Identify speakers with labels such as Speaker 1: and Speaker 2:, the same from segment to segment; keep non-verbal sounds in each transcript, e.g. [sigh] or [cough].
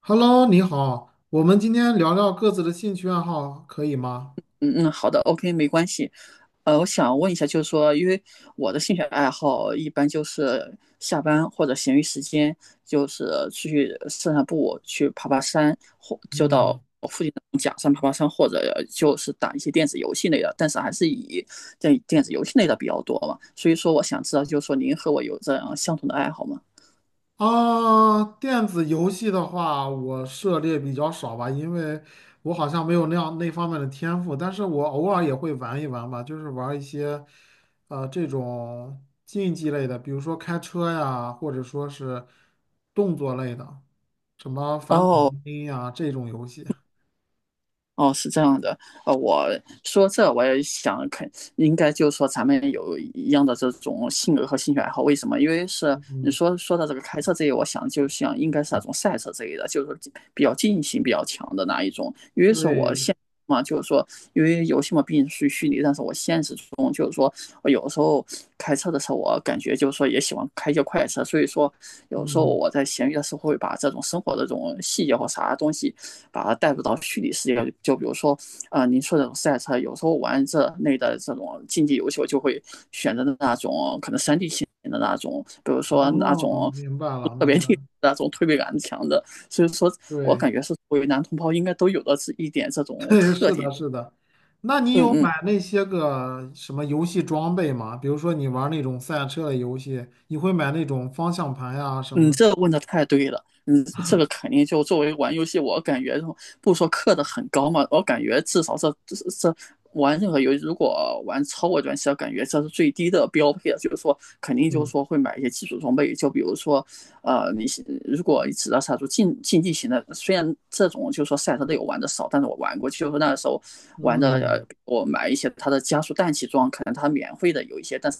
Speaker 1: Hello，你好，我们今天聊聊各自的兴趣爱好，可以吗？
Speaker 2: 嗯嗯，好的，OK，没关系。我想问一下，就是说，因为我的兴趣爱好一般就是下班或者闲余时间，就是出去散散步，去爬爬山，或就到
Speaker 1: 嗯，
Speaker 2: 附近的假山爬爬山，或者就是打一些电子游戏类的，但是还是以在电子游戏类的比较多嘛。所以说，我想知道，就是说您和我有这样相同的爱好吗？
Speaker 1: 啊，电子游戏的话，我涉猎比较少吧，因为我好像没有那样那方面的天赋，但是我偶尔也会玩一玩吧，就是玩一些，这种竞技类的，比如说开车呀，或者说是动作类的，什么反恐
Speaker 2: 哦，
Speaker 1: 精英呀这种游戏。
Speaker 2: 哦，是这样的，我说这我也想肯，应该就是说咱们有一样的这种性格和兴趣爱好，为什么？因为是你说到这个开车这一，我想就像应该是那种赛车这一的，就是说比较竞性比较强的那一种。因为是我
Speaker 1: 对，
Speaker 2: 现嘛，就是说因为游戏嘛毕竟是虚拟，但是我现实中就是说，我有时候开车的时候，我感觉就是说也喜欢开一些快车，所以说有时候
Speaker 1: 嗯，
Speaker 2: 我在闲鱼的时候会把这种生活的这种细节或啥东西。把它带入到虚拟世界。就比如说，啊、您说这种赛车，有时候玩这类的这种竞技游戏，我就会选择的那种可能3D 型的那种，比如说那
Speaker 1: 哦，
Speaker 2: 种
Speaker 1: 明白了，
Speaker 2: 特
Speaker 1: 明
Speaker 2: 别厉
Speaker 1: 白
Speaker 2: 害
Speaker 1: 了，
Speaker 2: 那种推背感强的。所以说我
Speaker 1: 对。
Speaker 2: 感觉是作为男同胞应该都有的是一点这
Speaker 1: [laughs]
Speaker 2: 种
Speaker 1: 对，
Speaker 2: 特
Speaker 1: 是
Speaker 2: 点。
Speaker 1: 的，是的。那你
Speaker 2: 嗯
Speaker 1: 有
Speaker 2: 嗯
Speaker 1: 买那些个什么游戏装备吗？比如说你玩那种赛车的游戏，你会买那种方向盘呀、什
Speaker 2: 你
Speaker 1: 么的。
Speaker 2: 这问的太对了，这个肯定就作为玩游戏，我感觉不说氪的很高嘛，我感觉至少这玩任何游戏，如果玩超过段期，感觉这是最低的标配了。就是说，肯定就是
Speaker 1: 嗯
Speaker 2: 说会买一些基础装备，就比如说，你如果只要杀出竞技型的，虽然这种就是说赛车类我玩的少，但是我玩过，就是那个时候玩的，
Speaker 1: 嗯，
Speaker 2: 我买一些它的加速氮气装，可能它免费的有一些，但是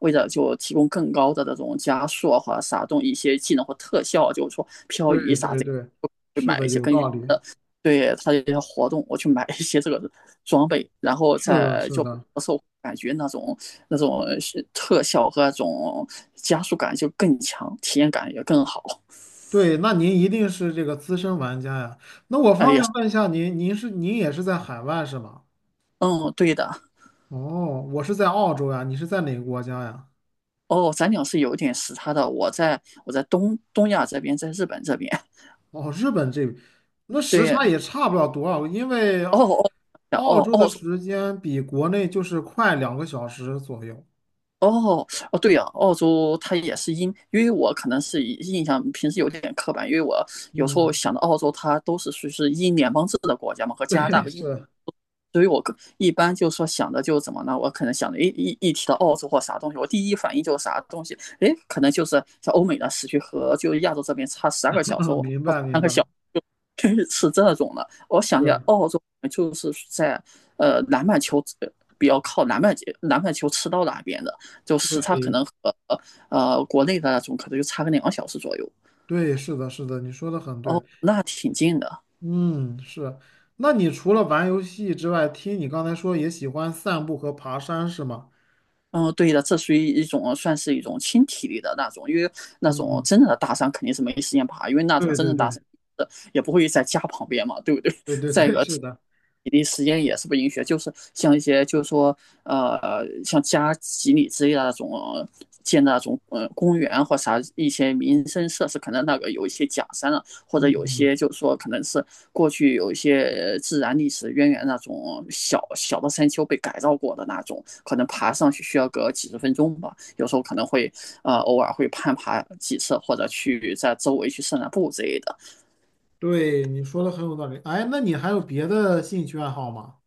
Speaker 2: 为了就提供更高的这种加速啊，或者撒动一些技能或特效啊，就是说漂移
Speaker 1: 对
Speaker 2: 啥
Speaker 1: 对
Speaker 2: 这
Speaker 1: 对，
Speaker 2: 个会
Speaker 1: 是
Speaker 2: 买
Speaker 1: 的，
Speaker 2: 一些
Speaker 1: 有
Speaker 2: 根据
Speaker 1: 道理。
Speaker 2: 它的对它的一些活动，我去买一些这个装备，然后
Speaker 1: 是的，
Speaker 2: 再
Speaker 1: 是
Speaker 2: 就
Speaker 1: 的，
Speaker 2: 受感觉那种特效和那种加速感就更强，体验感也更好。
Speaker 1: 对。那您一定是这个资深玩家呀。那我方便问一下您，您是您也是在海外是吗？
Speaker 2: 嗯，对的。
Speaker 1: 哦，我是在澳洲呀，你是在哪个国家呀？
Speaker 2: 哦，咱俩是有点时差的。我在东亚这边，在日本这边。
Speaker 1: 哦，日本这，那时
Speaker 2: 对，
Speaker 1: 差也差不了多少，因为
Speaker 2: 哦哦哦
Speaker 1: 澳
Speaker 2: 哦，
Speaker 1: 洲的
Speaker 2: 哦哦
Speaker 1: 时间比国内就是快两个小时左右。
Speaker 2: 哦哦，对呀、澳洲它也是因为我可能是印象平时有点刻板，因为我有时候
Speaker 1: 嗯，
Speaker 2: 想到澳洲，它都是属于是英联邦制的国家嘛，和加拿大
Speaker 1: 对，
Speaker 2: 和英国
Speaker 1: 是，
Speaker 2: 所以我更一般就说想的就怎么呢？我可能想的，诶，一提到澳洲或啥东西，我第一反应就是啥东西，诶，可能就是像欧美的时区和就亚洲这边差12个小时
Speaker 1: [laughs]
Speaker 2: 或
Speaker 1: 明白明
Speaker 2: 三个小
Speaker 1: 白，
Speaker 2: 时确实是这种的。我想一下，
Speaker 1: 是，
Speaker 2: 澳洲就是在南半球比较靠南半球赤道那边的，就时差
Speaker 1: 对
Speaker 2: 可能和国内的那种可能就差个2个小时左右。
Speaker 1: 对，是的，是的，你说的很对。
Speaker 2: 哦，那挺近的。
Speaker 1: 嗯，是。那你除了玩游戏之外，听你刚才说也喜欢散步和爬山是吗？
Speaker 2: 嗯，对的，这属于一种算是一种轻体力的那种，因为那种
Speaker 1: 嗯，
Speaker 2: 真正的大山肯定是没时间爬，因为那种
Speaker 1: 对
Speaker 2: 真
Speaker 1: 对
Speaker 2: 正大
Speaker 1: 对
Speaker 2: 山也不会在家旁边嘛，对不对？[laughs] 在
Speaker 1: 对，是的。
Speaker 2: 比例实验也是不允许就是像一些就是说像加几里之类的那种建的那种公园或啥一些民生设施，可能那个有一些假山了，啊或者有
Speaker 1: 嗯，
Speaker 2: 些就是说可能是过去有一些自然历史渊源那种小小的山丘被改造过的那种，可能爬上去需要个几十分钟吧，有时候可能会偶尔会攀爬几次，或者去在周围去散散步之类的。
Speaker 1: 对，你说的很有道理。哎，那你还有别的兴趣爱好吗？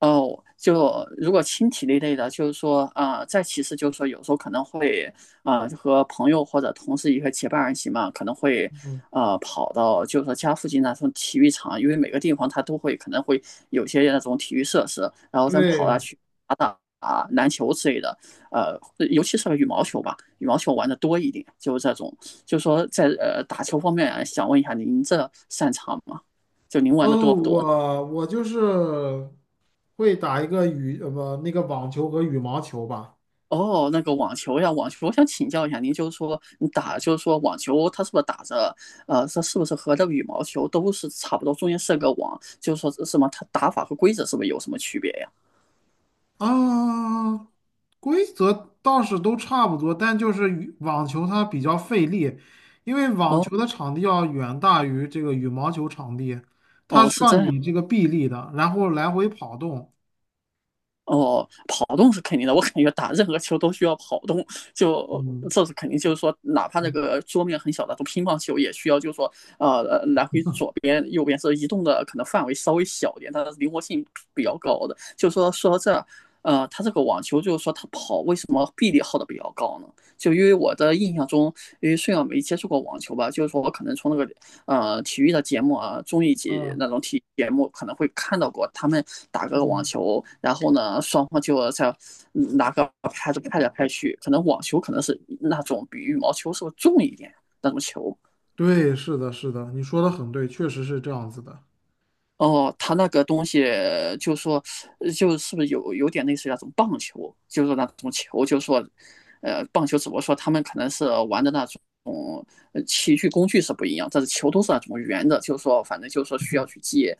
Speaker 2: 哦，就如果轻体力类的，就是说，啊，再其次就是说，有时候可能会，啊，就和朋友或者同事一个结伴而行嘛，可能会，
Speaker 1: 嗯，
Speaker 2: 跑到就是说家附近那种体育场，因为每个地方它都会可能会有些那种体育设施，然后咱们跑下
Speaker 1: 对。
Speaker 2: 去打打啊篮球之类的，呃，尤其是羽毛球吧，羽毛球玩的多一点，就是这种，就是说在打球方面啊，想问一下您这擅长吗？就您玩的多
Speaker 1: 哦，
Speaker 2: 不多？
Speaker 1: 我就是会打一个羽，呃，不，那个网球和羽毛球吧。
Speaker 2: 哦，那个网球呀，网球，我想请教一下您，就是说你打，就是说网球，它是不是打着，它是不是和这个羽毛球都是差不多，中间设个网，就是说什么，它打法和规则是不是有什么区别呀？
Speaker 1: 啊，规则倒是都差不多，但就是羽网球它比较费力，因为网
Speaker 2: 哦
Speaker 1: 球的场地要远大于这个羽毛球场地，它
Speaker 2: 哦，
Speaker 1: 需
Speaker 2: 是
Speaker 1: 要
Speaker 2: 这样
Speaker 1: 你这个臂力的，然后来回跑动。
Speaker 2: 哦，跑动是肯定的，我感觉打任何球都需要跑动，就
Speaker 1: 嗯
Speaker 2: 这是肯定，就是说，哪怕那
Speaker 1: 嗯
Speaker 2: 个桌面很小的，都乒乓球也需要，就是说，呃，来回左边、右边是移动的，可能范围稍微小一点，但是灵活性比较高的。就是说，说到这他这个网球就是说他跑为什么臂力耗的比较高呢？就因为我的印象中，因为虽然没接触过网球吧，就是说我可能从那个体育的节目啊，综艺节
Speaker 1: 嗯
Speaker 2: 那种体育节目可能会看到过，他们打个网
Speaker 1: 嗯，
Speaker 2: 球，然后呢双方就在拿个拍子拍来拍去，可能网球可能是那种比羽毛球是不是重一点那种球。
Speaker 1: 对，是的，是的，你说的很对，确实是这样子的。
Speaker 2: 哦，他那个东西就说，就是不是有点类似于那种棒球，就是那种球，就是说，棒球只不过说他们可能是玩的那种。器具工具是不一样，但是球都是那种圆的，就是说，反正就是说需要去借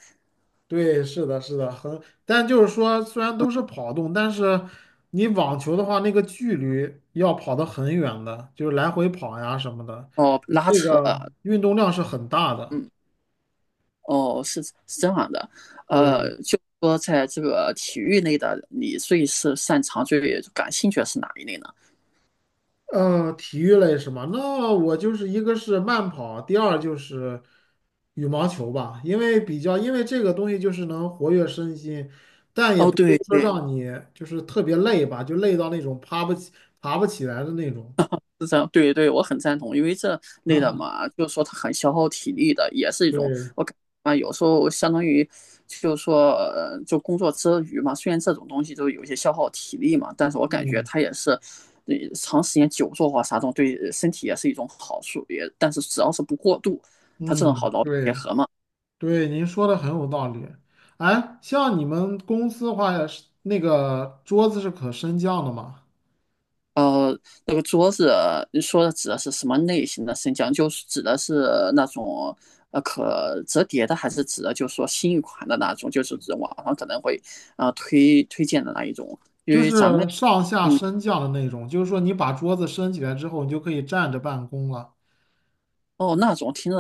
Speaker 1: 对，是的，是的，很，但就是说，虽然都是跑动，但是你网球的话，那个距离要跑得很远的，就是来回跑呀什么的，
Speaker 2: 哦，拉
Speaker 1: 这
Speaker 2: 扯，
Speaker 1: 个运动量是很大的。
Speaker 2: 嗯，哦，是这样的，
Speaker 1: 对，
Speaker 2: 就说在这个体育类的，你最是擅长、最感兴趣的是哪一类呢？
Speaker 1: 体育类是吗？那我就是一个是慢跑，第二就是羽毛球吧，因为比较，因为这个东西就是能活跃身心，但也
Speaker 2: 哦，
Speaker 1: 不至于
Speaker 2: 对
Speaker 1: 说
Speaker 2: 对，
Speaker 1: 让你就是特别累吧，就累到那种爬不起来的那种。
Speaker 2: 是这样，对对，我很赞同，因为这类的
Speaker 1: [laughs]
Speaker 2: 嘛，就是说它很消耗体力的，也是一种
Speaker 1: 对，
Speaker 2: 我感啊，有时候相当于就是说，就工作之余嘛，虽然这种东西都有一些消耗体力嘛，但是我感觉
Speaker 1: 嗯。
Speaker 2: 它也是，长时间久坐或啥这种对身体也是一种好处，也但是只要是不过度，它这种好
Speaker 1: 嗯，
Speaker 2: 劳逸结
Speaker 1: 对
Speaker 2: 合嘛。
Speaker 1: 对，您说的很有道理。哎，像你们公司的话，是那个桌子是可升降的吗？
Speaker 2: 呃，那个桌子，你说的指的是什么类型的升降？就是指的是那种可折叠的，还是指的就是说新一款的那种？就是指网上可能会啊、推荐的那一种？因
Speaker 1: 就
Speaker 2: 为咱们
Speaker 1: 是上下
Speaker 2: 嗯
Speaker 1: 升降的那种，就是说你把桌子升起来之后，你就可以站着办公了。
Speaker 2: 哦，那种听着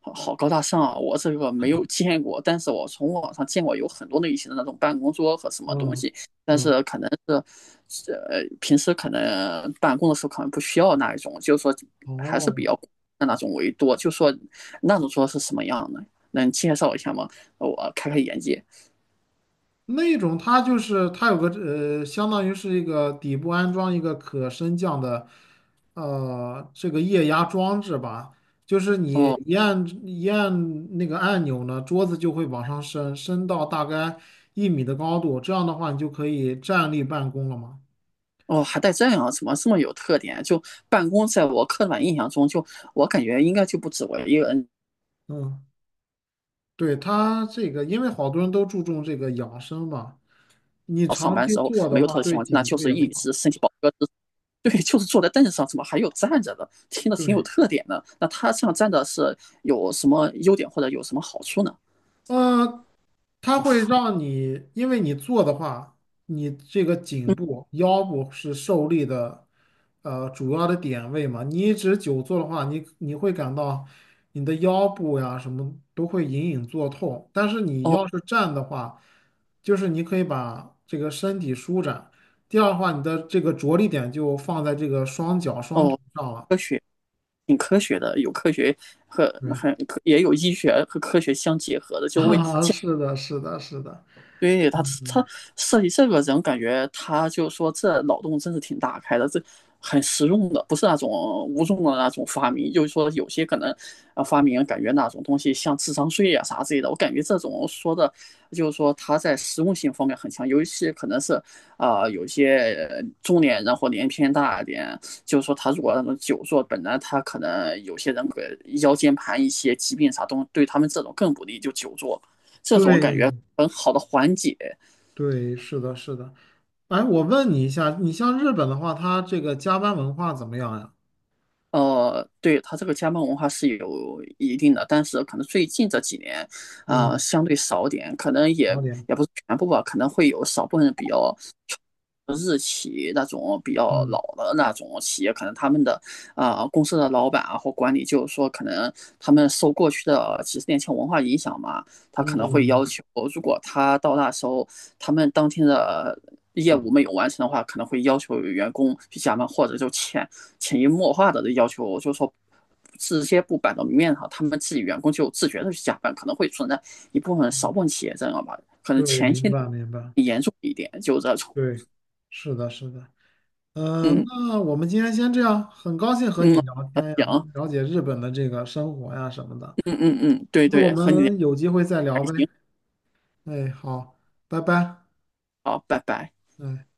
Speaker 2: 好好高大上啊，我这个没有见过，但是我从网上见过有很多类型的那种办公桌和什么东
Speaker 1: 嗯
Speaker 2: 西，但
Speaker 1: 嗯，
Speaker 2: 是可能是，平时可能办公的时候可能不需要那一种，就是说还是
Speaker 1: 哦，
Speaker 2: 比较的那种为多，就说那种桌是什么样的，能介绍一下吗？我开开眼界。
Speaker 1: 那种它就是它有个相当于是一个底部安装一个可升降的这个液压装置吧，就是你
Speaker 2: 哦
Speaker 1: 一按一按那个按钮呢，桌子就会往上升，升到大概一米的高度，这样的话你就可以站立办公了嘛。
Speaker 2: 哦，还带这样啊，怎么这么有特点啊？就办公，在我刻板印象中，就我感觉应该就不止我一个人
Speaker 1: 嗯，对，它这个因为好多人都注重这个养生嘛，你
Speaker 2: 上
Speaker 1: 长
Speaker 2: 班
Speaker 1: 期
Speaker 2: 时候
Speaker 1: 坐的
Speaker 2: 没有
Speaker 1: 话
Speaker 2: 特殊情
Speaker 1: 对
Speaker 2: 况，那
Speaker 1: 颈
Speaker 2: 就
Speaker 1: 椎
Speaker 2: 是
Speaker 1: 也不
Speaker 2: 一
Speaker 1: 好。
Speaker 2: 直身体保个子 [laughs] 对，就是坐在凳子上，怎么还有站着的？听着挺有
Speaker 1: 对。
Speaker 2: 特点的。那他这样站着是有什么优点或者有什么好处呢？
Speaker 1: 呃，它会让你，因为你坐的话，你这个颈
Speaker 2: 嗯，
Speaker 1: 部、腰部是受力的，呃，主要的点位嘛。你一直久坐的话，你会感到你的腰部呀什么都会隐隐作痛。但是你
Speaker 2: 哦
Speaker 1: 要是站的话，就是你可以把这个身体舒展。第二的话，你的这个着力点就放在这个双脚、双腿
Speaker 2: 哦，
Speaker 1: 上了。
Speaker 2: 科学挺科学的，有科学和
Speaker 1: 对，
Speaker 2: 很也有医学和科学相结合的，
Speaker 1: [laughs]
Speaker 2: 就为
Speaker 1: 啊，是的，是的，是的，
Speaker 2: 对他设计这个人，感觉他就说这脑洞真是挺大开的，这很实用的，不是那种无用的那种发明。就是说，有些可能啊发明感觉那种东西像智商税啊啥之类的，我感觉这种说的，就是说他在实用性方面很强，尤其是可能是啊、有些中年人或年纪偏大一点，就是说他如果那种久坐，本来他可能有些人个腰间盘一些疾病啥东西，对他们这种更不利，就久坐。这种感
Speaker 1: 对，
Speaker 2: 觉很好的缓解。
Speaker 1: 对，是的，是的。哎，我问你一下，你像日本的话，它这个加班文化怎么样呀？
Speaker 2: 对，它这个加班文化是有一定的，但是可能最近这几年，啊、
Speaker 1: 嗯，
Speaker 2: 相对少点，可能也
Speaker 1: 好点。
Speaker 2: 也不是全部吧，可能会有少部分比较日企那种比较
Speaker 1: 嗯
Speaker 2: 老的那种企业，可能他们的啊、公司的老板啊或管理，就是说可能他们受过去的几十年前文化影响嘛，他可能会
Speaker 1: 嗯，
Speaker 2: 要求，如果他到那时候他们当天的业务没有完成的话，可能会要求员工去加班，或者就遣潜移默化的要求，就是说这些不摆到明面上，他们自己员工就自觉的去加班，可能会存在一部分少部分企业这样吧，可能
Speaker 1: 对，
Speaker 2: 前
Speaker 1: 明
Speaker 2: 些
Speaker 1: 白明白。
Speaker 2: 严重一点，就这种，
Speaker 1: 对，是的，是的。
Speaker 2: 嗯
Speaker 1: 那我们今天先这样，很高兴和
Speaker 2: 嗯，
Speaker 1: 你聊天呀，
Speaker 2: 行，
Speaker 1: 了解日本的这个生活呀什么的。
Speaker 2: 嗯嗯嗯，对
Speaker 1: 那我
Speaker 2: 对，和你聊
Speaker 1: 们有机会再
Speaker 2: 还
Speaker 1: 聊呗。
Speaker 2: 行，
Speaker 1: 哎，好，拜拜。
Speaker 2: 好，拜拜。
Speaker 1: 哎。